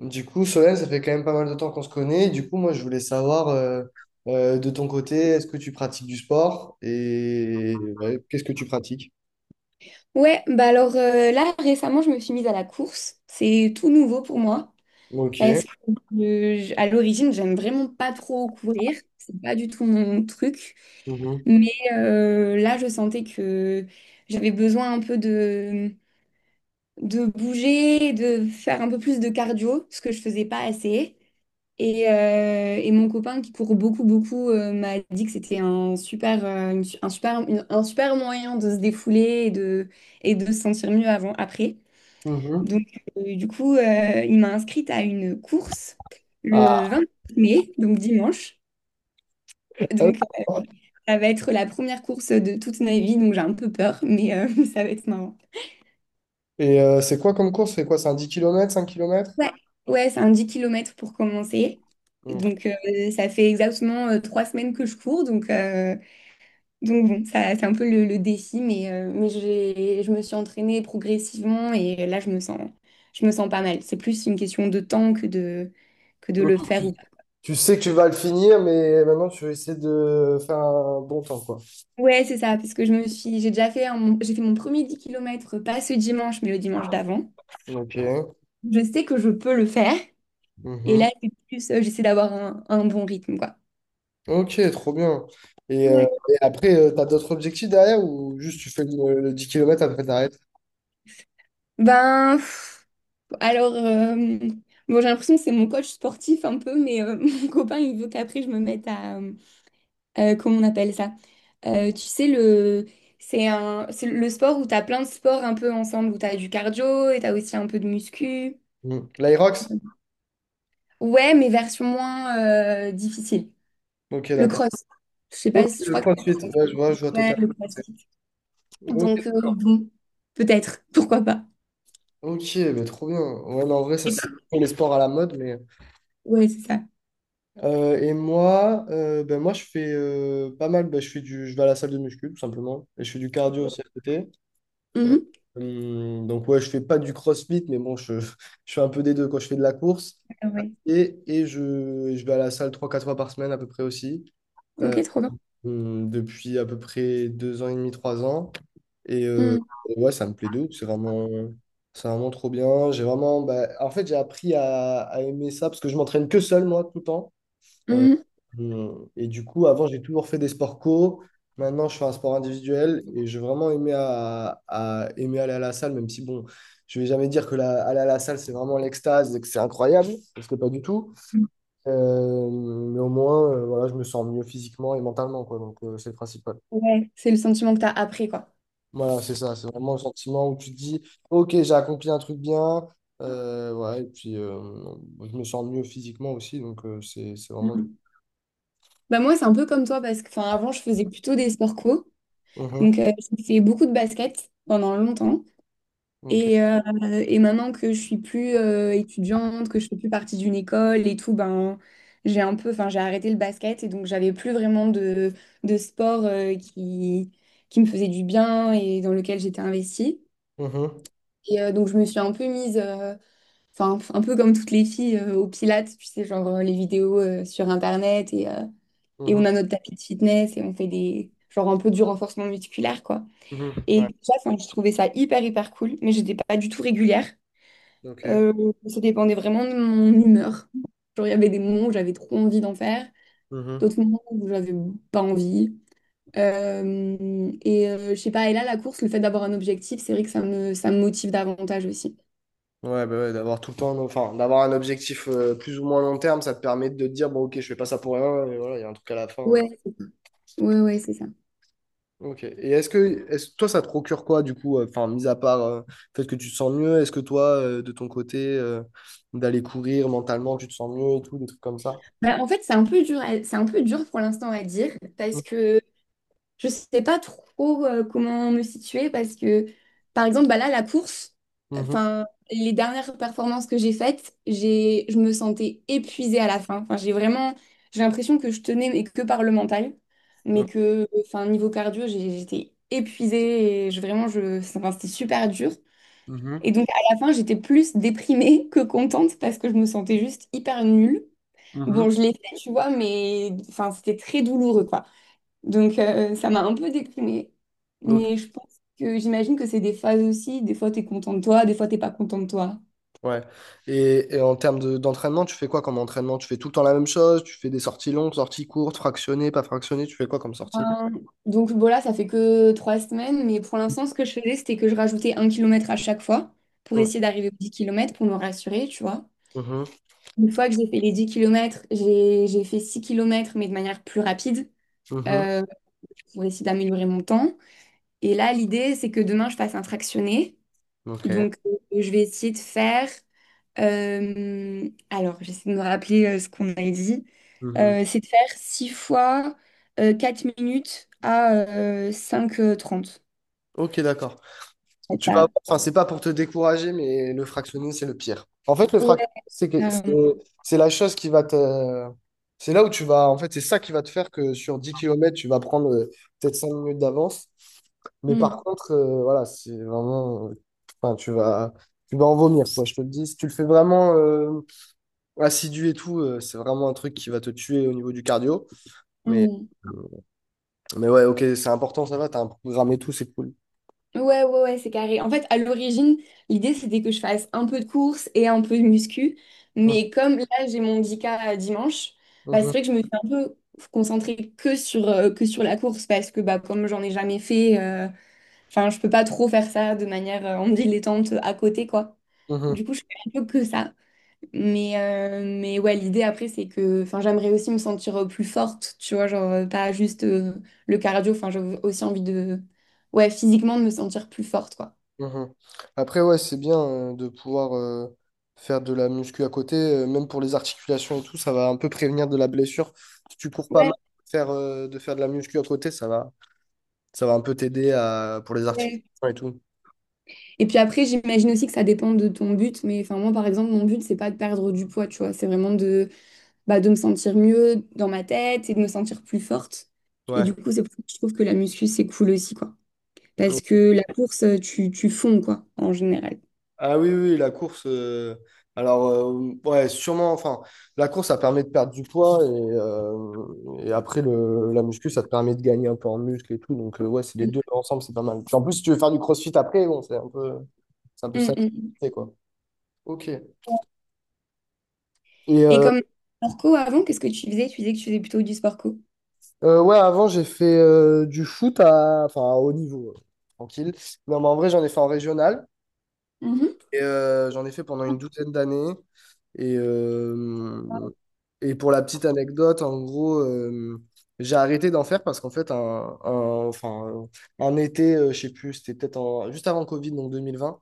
Du coup, Solène, ça fait quand même pas mal de temps qu'on se connaît. Du coup, moi, je voulais savoir de ton côté, est-ce que tu pratiques du sport et ouais, qu'est-ce que tu pratiques? Ouais, bah alors là récemment je me suis mise à la course, c'est tout nouveau pour moi. Parce Ok. que à l'origine j'aime vraiment pas trop courir, c'est pas du tout mon truc. Mhm. Mais là je sentais que j'avais besoin un peu de bouger, de faire un peu plus de cardio, ce que je faisais pas assez. Et mon copain qui court beaucoup beaucoup m'a dit que c'était un super une su- un super une- un super moyen de se défouler et de se sentir mieux avant après. Donc, Mhm. Du coup, il m'a inscrite à une course le Ah. 20 mai, donc dimanche. Ah oui. Donc, ça va être la première course de toute ma vie, donc j'ai un peu peur, mais ça va être marrant. Et c'est quoi comme course? C'est quoi? C'est un 10 kilomètres, 5 kilomètres. Ouais, ouais, c'est un 10 kilomètres pour commencer. Ok. Donc, ça fait exactement 3 semaines que je cours. Donc bon, ça, c'est un peu le défi, mais je me suis entraînée progressivement et là, je me sens pas mal. C'est plus une question de temps que de Ok. le faire. Tu sais que tu vas le finir, mais maintenant, tu vas essayer de faire un bon temps, quoi. Ouais, c'est ça, parce que j'ai déjà fait un- mon- j'ai fait mon premier 10 kilomètres pas ce dimanche, mais le dimanche d'avant. Ok. Je sais que je peux le faire. Et Mhm. là, j'essaie d'avoir un bon rythme, quoi. Ok, trop bien. Ouais. Et après, tu as d'autres objectifs derrière ou juste tu fais le 10 km après, t'arrêtes? Ben, pff, alors, bon, j'ai l'impression que c'est mon coach sportif un peu, mais mon copain, il veut qu'après, je me mette à, comment on appelle ça? Tu sais, c'est le sport où tu as plein de sports un peu ensemble, où tu as du cardio et tu as aussi un peu de muscu. Hmm. L'Aerox? Ouais, mais version moins difficile. Ok, Le d'accord. cross. Je sais Ok, pas, je le crois que c'est CrossFit. le cross. Ouais, je vois Ouais, totalement. le C'est- crossfit. Ok, Donc, bon, peut-être, pourquoi pas. ok, bah, trop bien. Ouais, mais en vrai, ça, c'est les sports à la mode. Mais... Ouais, c'est ça. Et moi, ben, moi, je fais pas mal. Ben, je fais du... je vais à la salle de muscu, tout simplement. Et je fais du cardio aussi à côté. Euh, Mhm. Donc, ouais, je fais pas du CrossFit, mais bon, je, je fais un peu des deux quand je fais de la course. Ah ouais. Et je vais à la salle trois quatre fois par semaine à peu près aussi. Euh, Ok, trop bien. Depuis à peu près deux ans et demi, trois ans. Et ouais, ça me plaît de ouf. C'est vraiment trop bien. J'ai vraiment, bah, en fait, j'ai appris à aimer ça parce que je m'entraîne que seul, moi, tout le temps. Mhm. Et du coup, avant, j'ai toujours fait des sports co. Maintenant, je fais un sport individuel et j'ai vraiment aimé, à- aimé aller à la salle, même si, bon, je vais jamais dire que la, aller à la salle, c'est vraiment l'extase et que c'est incroyable, parce que pas du tout. Mhm. Mais au moins, voilà, je me sens mieux physiquement et mentalement, quoi. Donc, c'est le principal. Ouais, c'est le sentiment que tu as après, quoi. Voilà, c'est ça, c'est vraiment le sentiment où tu te dis, ok, j'ai accompli un truc bien, ouais, et puis je me sens mieux physiquement aussi, donc c'est vraiment... le- Mhm. Bah moi, c'est un peu comme toi, parce que enfin, avant, je faisais plutôt des sports co. Mhm, Donc, j'ai fait beaucoup de basket pendant longtemps. ok. Et, euh, et maintenant que je suis plus étudiante, que je fais plus partie d'une école et tout, ben enfin j'ai arrêté le basket et donc j'avais plus vraiment de sport qui me faisait du bien et dans lequel j'étais investie. Mhm, Donc je me suis un peu enfin un peu comme toutes les filles au Pilates, tu sais, genre les vidéos sur Internet et on mhm, a notre tapis de fitness et on fait genre un peu du renforcement musculaire quoi. mhm, ouais, Et ça, enfin, je trouvais ça hyper hyper cool, mais j'étais pas du tout régulière. ok. Euh, Ça dépendait vraiment de mon humeur. Genre, il y avait des moments où j'avais trop envie d'en faire, Mhm. d'autres moments où j'avais pas envie. Je sais pas, et là, la course, le fait d'avoir un objectif, c'est vrai que ça me motive davantage aussi. Ouais, bah ouais, d'avoir tout le temps, enfin, d'avoir un objectif plus ou moins long terme, ça te permet de te dire, bon, ok, je fais pas ça pour rien, et voilà, il y a un truc à la fin. Ouais, ouais, ouais, c'est ça. Ok. Et est-ce, toi, ça te procure quoi, du coup, enfin, mis à part le fait que tu te sens mieux, est-ce que toi, de ton côté, d'aller courir mentalement, tu te sens mieux et tout, des trucs comme ça? Bah, en fait, c'est un peu dur pour l'instant à dire parce Mhm. que je sais pas trop comment me situer parce que, par exemple, bah là, la course, Mhm. enfin, les dernières performances que j'ai faites, je me sentais épuisée à la fin. Enfin, j'ai l'impression que je tenais mais que par le mental, Ok. Enfin, niveau cardio, j'étais épuisée et enfin, c'était super dur. Mhm. Et donc, à la fin, j'étais plus déprimée que contente parce que je me sentais juste hyper nulle. Mhm. Bon, je l'ai fait, tu vois, mais enfin, c'était très douloureux, quoi. Donc, ça m'a un peu déprimée. Ok. Mais je pense que j'imagine que c'est des phases aussi. Des fois, tu es content de toi, des fois, t'es pas content de toi. Ouais. Et en termes de- d'entraînement, tu fais quoi comme entraînement? Tu fais tout le temps la même chose? Tu fais des sorties longues, sorties courtes, fractionnées, pas fractionnées? Tu fais quoi comme Euh, sortie? donc, bon, là, ça fait que 3 semaines. Mais pour l'instant, ce que je faisais, c'était que je rajoutais 1 kilomètre à chaque fois pour Ok. essayer d'arriver aux 10 kilomètres pour me rassurer, tu vois. Mhm. Une fois que j'ai fait les 10 kilomètres, j'ai fait 6 kilomètres, mais de manière plus rapide Mhm. euh, pour essayer d'améliorer mon temps. Et là, l'idée, c'est que demain, je fasse un fractionné. Ok. Donc, je vais essayer de faire. Alors, j'essaie de me rappeler ce qu'on a dit. Mhm. C'est de faire 6 fois 4 minutes à cinq h 30. Ok, d'accord. Ouais, Tu vas ça- avoir- enfin, c'est pas pour te décourager, mais le fractionner, c'est le pire. En fait, le ouais, fractionner, c'est que- carrément. c'est la chose qui va te. C'est là où tu vas. En fait, c'est ça qui va te faire que sur 10 kilomètres tu vas prendre peut-être 5 minutes d'avance. Mais par Mm, contre, voilà, c'est vraiment. Enfin, tu vas. Tu vas en vomir, quoi, je te le dis. Si tu le fais vraiment assidu et tout, c'est vraiment un truc qui va te tuer au niveau du cardio. Mais, mm. mais ouais, ok, c'est important, ça va, t'as un programme et tout, c'est cool. Ouais, ouais, ouais, c'est carré. En fait, à l'origine, l'idée, c'était que je fasse un peu de course et un peu de muscu. Mhm, Mais comme là, j'ai mon 10K dimanche, bah, c'est mhm, vrai que je me suis un peu concentrée que sur la course parce que bah, comme j'en ai jamais fait, enfin, je peux pas trop faire ça de manière en dilettante à côté, quoi. mhm. Du coup, je fais un peu que ça. Mais ouais, l'idée après, c'est que enfin, j'aimerais aussi me sentir plus forte, tu vois, genre pas juste le cardio. Enfin, j'ai aussi ouais, physiquement, de me sentir plus forte, quoi. Mhm. Après, ouais, c'est bien de pouvoir faire de la muscu à côté, même pour les articulations et tout, ça va un peu prévenir de la blessure. Si tu cours pas mal, Ouais, faire, de faire de la muscu à côté, ça va un peu t'aider à, pour les articulations ouais. et tout. Et puis après, j'imagine aussi que ça dépend de ton but, mais enfin moi par exemple, mon but c'est pas de perdre du poids, tu vois, c'est vraiment de me sentir mieux dans ma tête et de me sentir plus forte. Et du Ouais. coup, c'est pour ça que je trouve que la muscu c'est cool aussi, quoi. Parce que la course, tu fonds, quoi, en général. Ah oui, oui, oui, la course. Alors, ouais, sûrement. Enfin, la course, ça permet de perdre du poids et après, le, la muscu, ça te permet de gagner un peu en muscle et tout. Donc, ouais, c'est les Mm, deux ensemble, c'est pas mal. Puis en plus, si tu veux faire du crossfit après, bon, c'est un peu ça, mm, mm. c'est quoi. Ok. Et Et comme sport co avant, qu'est-ce que tu faisais? Tu disais que tu faisais plutôt du sport co. Ouais, avant, j'ai fait du foot à, enfin, à haut niveau, tranquille. Non, mais en vrai, j'en ai fait en régional. Mhm, Et, j'en ai fait pendant une douzaine d'années. Et, euh, et pour la petite anecdote, en gros, j'ai arrêté d'en faire parce qu'en fait, un, enfin, un été, je sais plus, c'était peut-être en- juste avant Covid, donc 2020,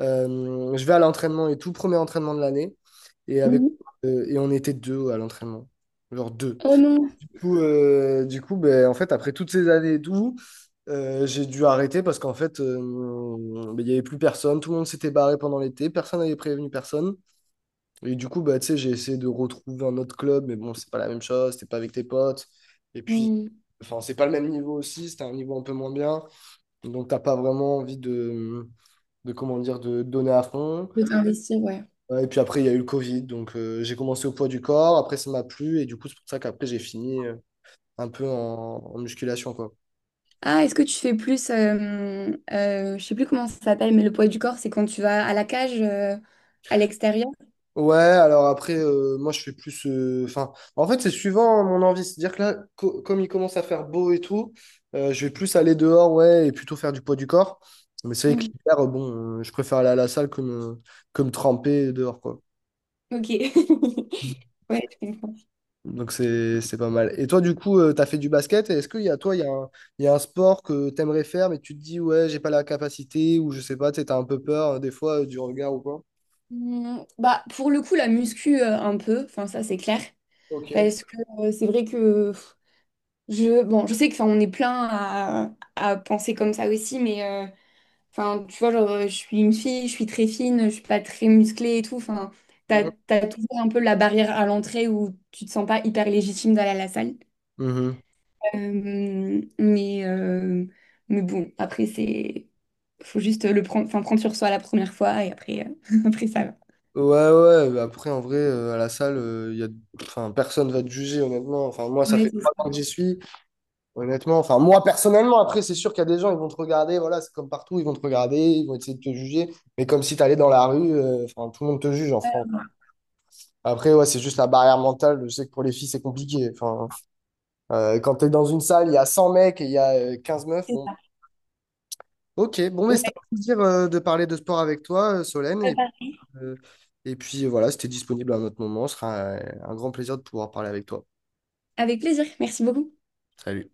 je vais à l'entraînement et tout, premier entraînement de l'année. Et, avec, mhm. Et on était deux à l'entraînement. Genre deux. Oh non. Du coup, ben, en fait, après toutes ces années et tout, j'ai dû arrêter parce qu'en fait, ben, il n'y avait plus personne. Tout le monde s'était barré pendant l'été. Personne n'avait prévenu personne. Et du coup, bah, tu sais, j'ai essayé de retrouver un autre club, mais bon, c'est pas la même chose. C'était pas avec tes potes. Et puis, Hmm, enfin, c'est pas le même niveau aussi. C'était un niveau un peu moins bien. Donc, t'as pas vraiment envie de comment dire, de donner à fond. de t'investir, ouais. Et puis après, il y a eu le Covid. Donc, j'ai commencé au poids du corps. Après, ça m'a plu. Et du coup, c'est pour ça qu'après, j'ai fini un peu en, en musculation, quoi. Ah, est-ce que tu fais je sais plus comment ça s'appelle, mais le poids du corps, c'est quand tu vas à la cage, à l'extérieur? Ouais, alors après, moi je fais plus. Enfin, en fait, c'est suivant mon envie. C'est-à-dire que là, co- comme il commence à faire beau et tout, je vais plus aller dehors, ouais, et plutôt faire du poids du corps. Mais c'est vrai que Hmm. l'hiver, bon, je préfère aller à la salle que me tremper dehors, quoi. Ok. Ouais, je comprends. Donc c'est pas mal. Et toi, du coup, tu t'as fait du basket. Et est-ce qu'il y a toi, il y a un, il y a un sport que t'aimerais faire, mais tu te dis, ouais, j'ai pas la capacité, ou je sais pas, tu sais, t'as un peu peur des fois du regard ou quoi? Hmm. Bah, pour le coup, la muscu, un peu, enfin, ça, c'est clair. Ok. Parce que c'est vrai que. Bon, je sais que, enfin, on est plein à penser comme ça aussi, mais enfin, tu vois, genre, je suis une fille, je suis très fine, je suis pas très musclée et tout. Enfin, t'as toujours un peu la barrière à l'entrée où tu te sens pas hyper légitime d'aller à la salle. Mhm. Euh, mais, euh, mais bon, après, faut juste le prendre, enfin, prendre sur soi la première fois et après, après ça va. Ouais, ouais, bah après, en vrai, à la salle, y a... enfin, personne va te juger, honnêtement. Enfin, moi, ça Ouais, fait c'est trois ça. ans que j'y suis, honnêtement. Enfin, moi, personnellement, après, c'est sûr qu'il y a des gens, ils vont te regarder, voilà, c'est comme partout, ils vont te regarder, ils vont essayer de te juger. Mais comme si t'allais dans la rue, enfin, tout le monde te juge en France. Après, ouais, c'est juste la barrière mentale. Je sais que pour les filles, c'est compliqué. Enfin, quand t'es dans une salle, il y a 100 mecs et il y a 15 meufs, C'est bon. ça. Ok, bon, mais Ouais, c'était un plaisir, de parler de sport avec toi, Solène. ça Et va. Euh, et puis voilà, c'était disponible à un autre moment. Ce sera un grand plaisir de pouvoir parler avec toi. Avec plaisir, merci beaucoup. Salut.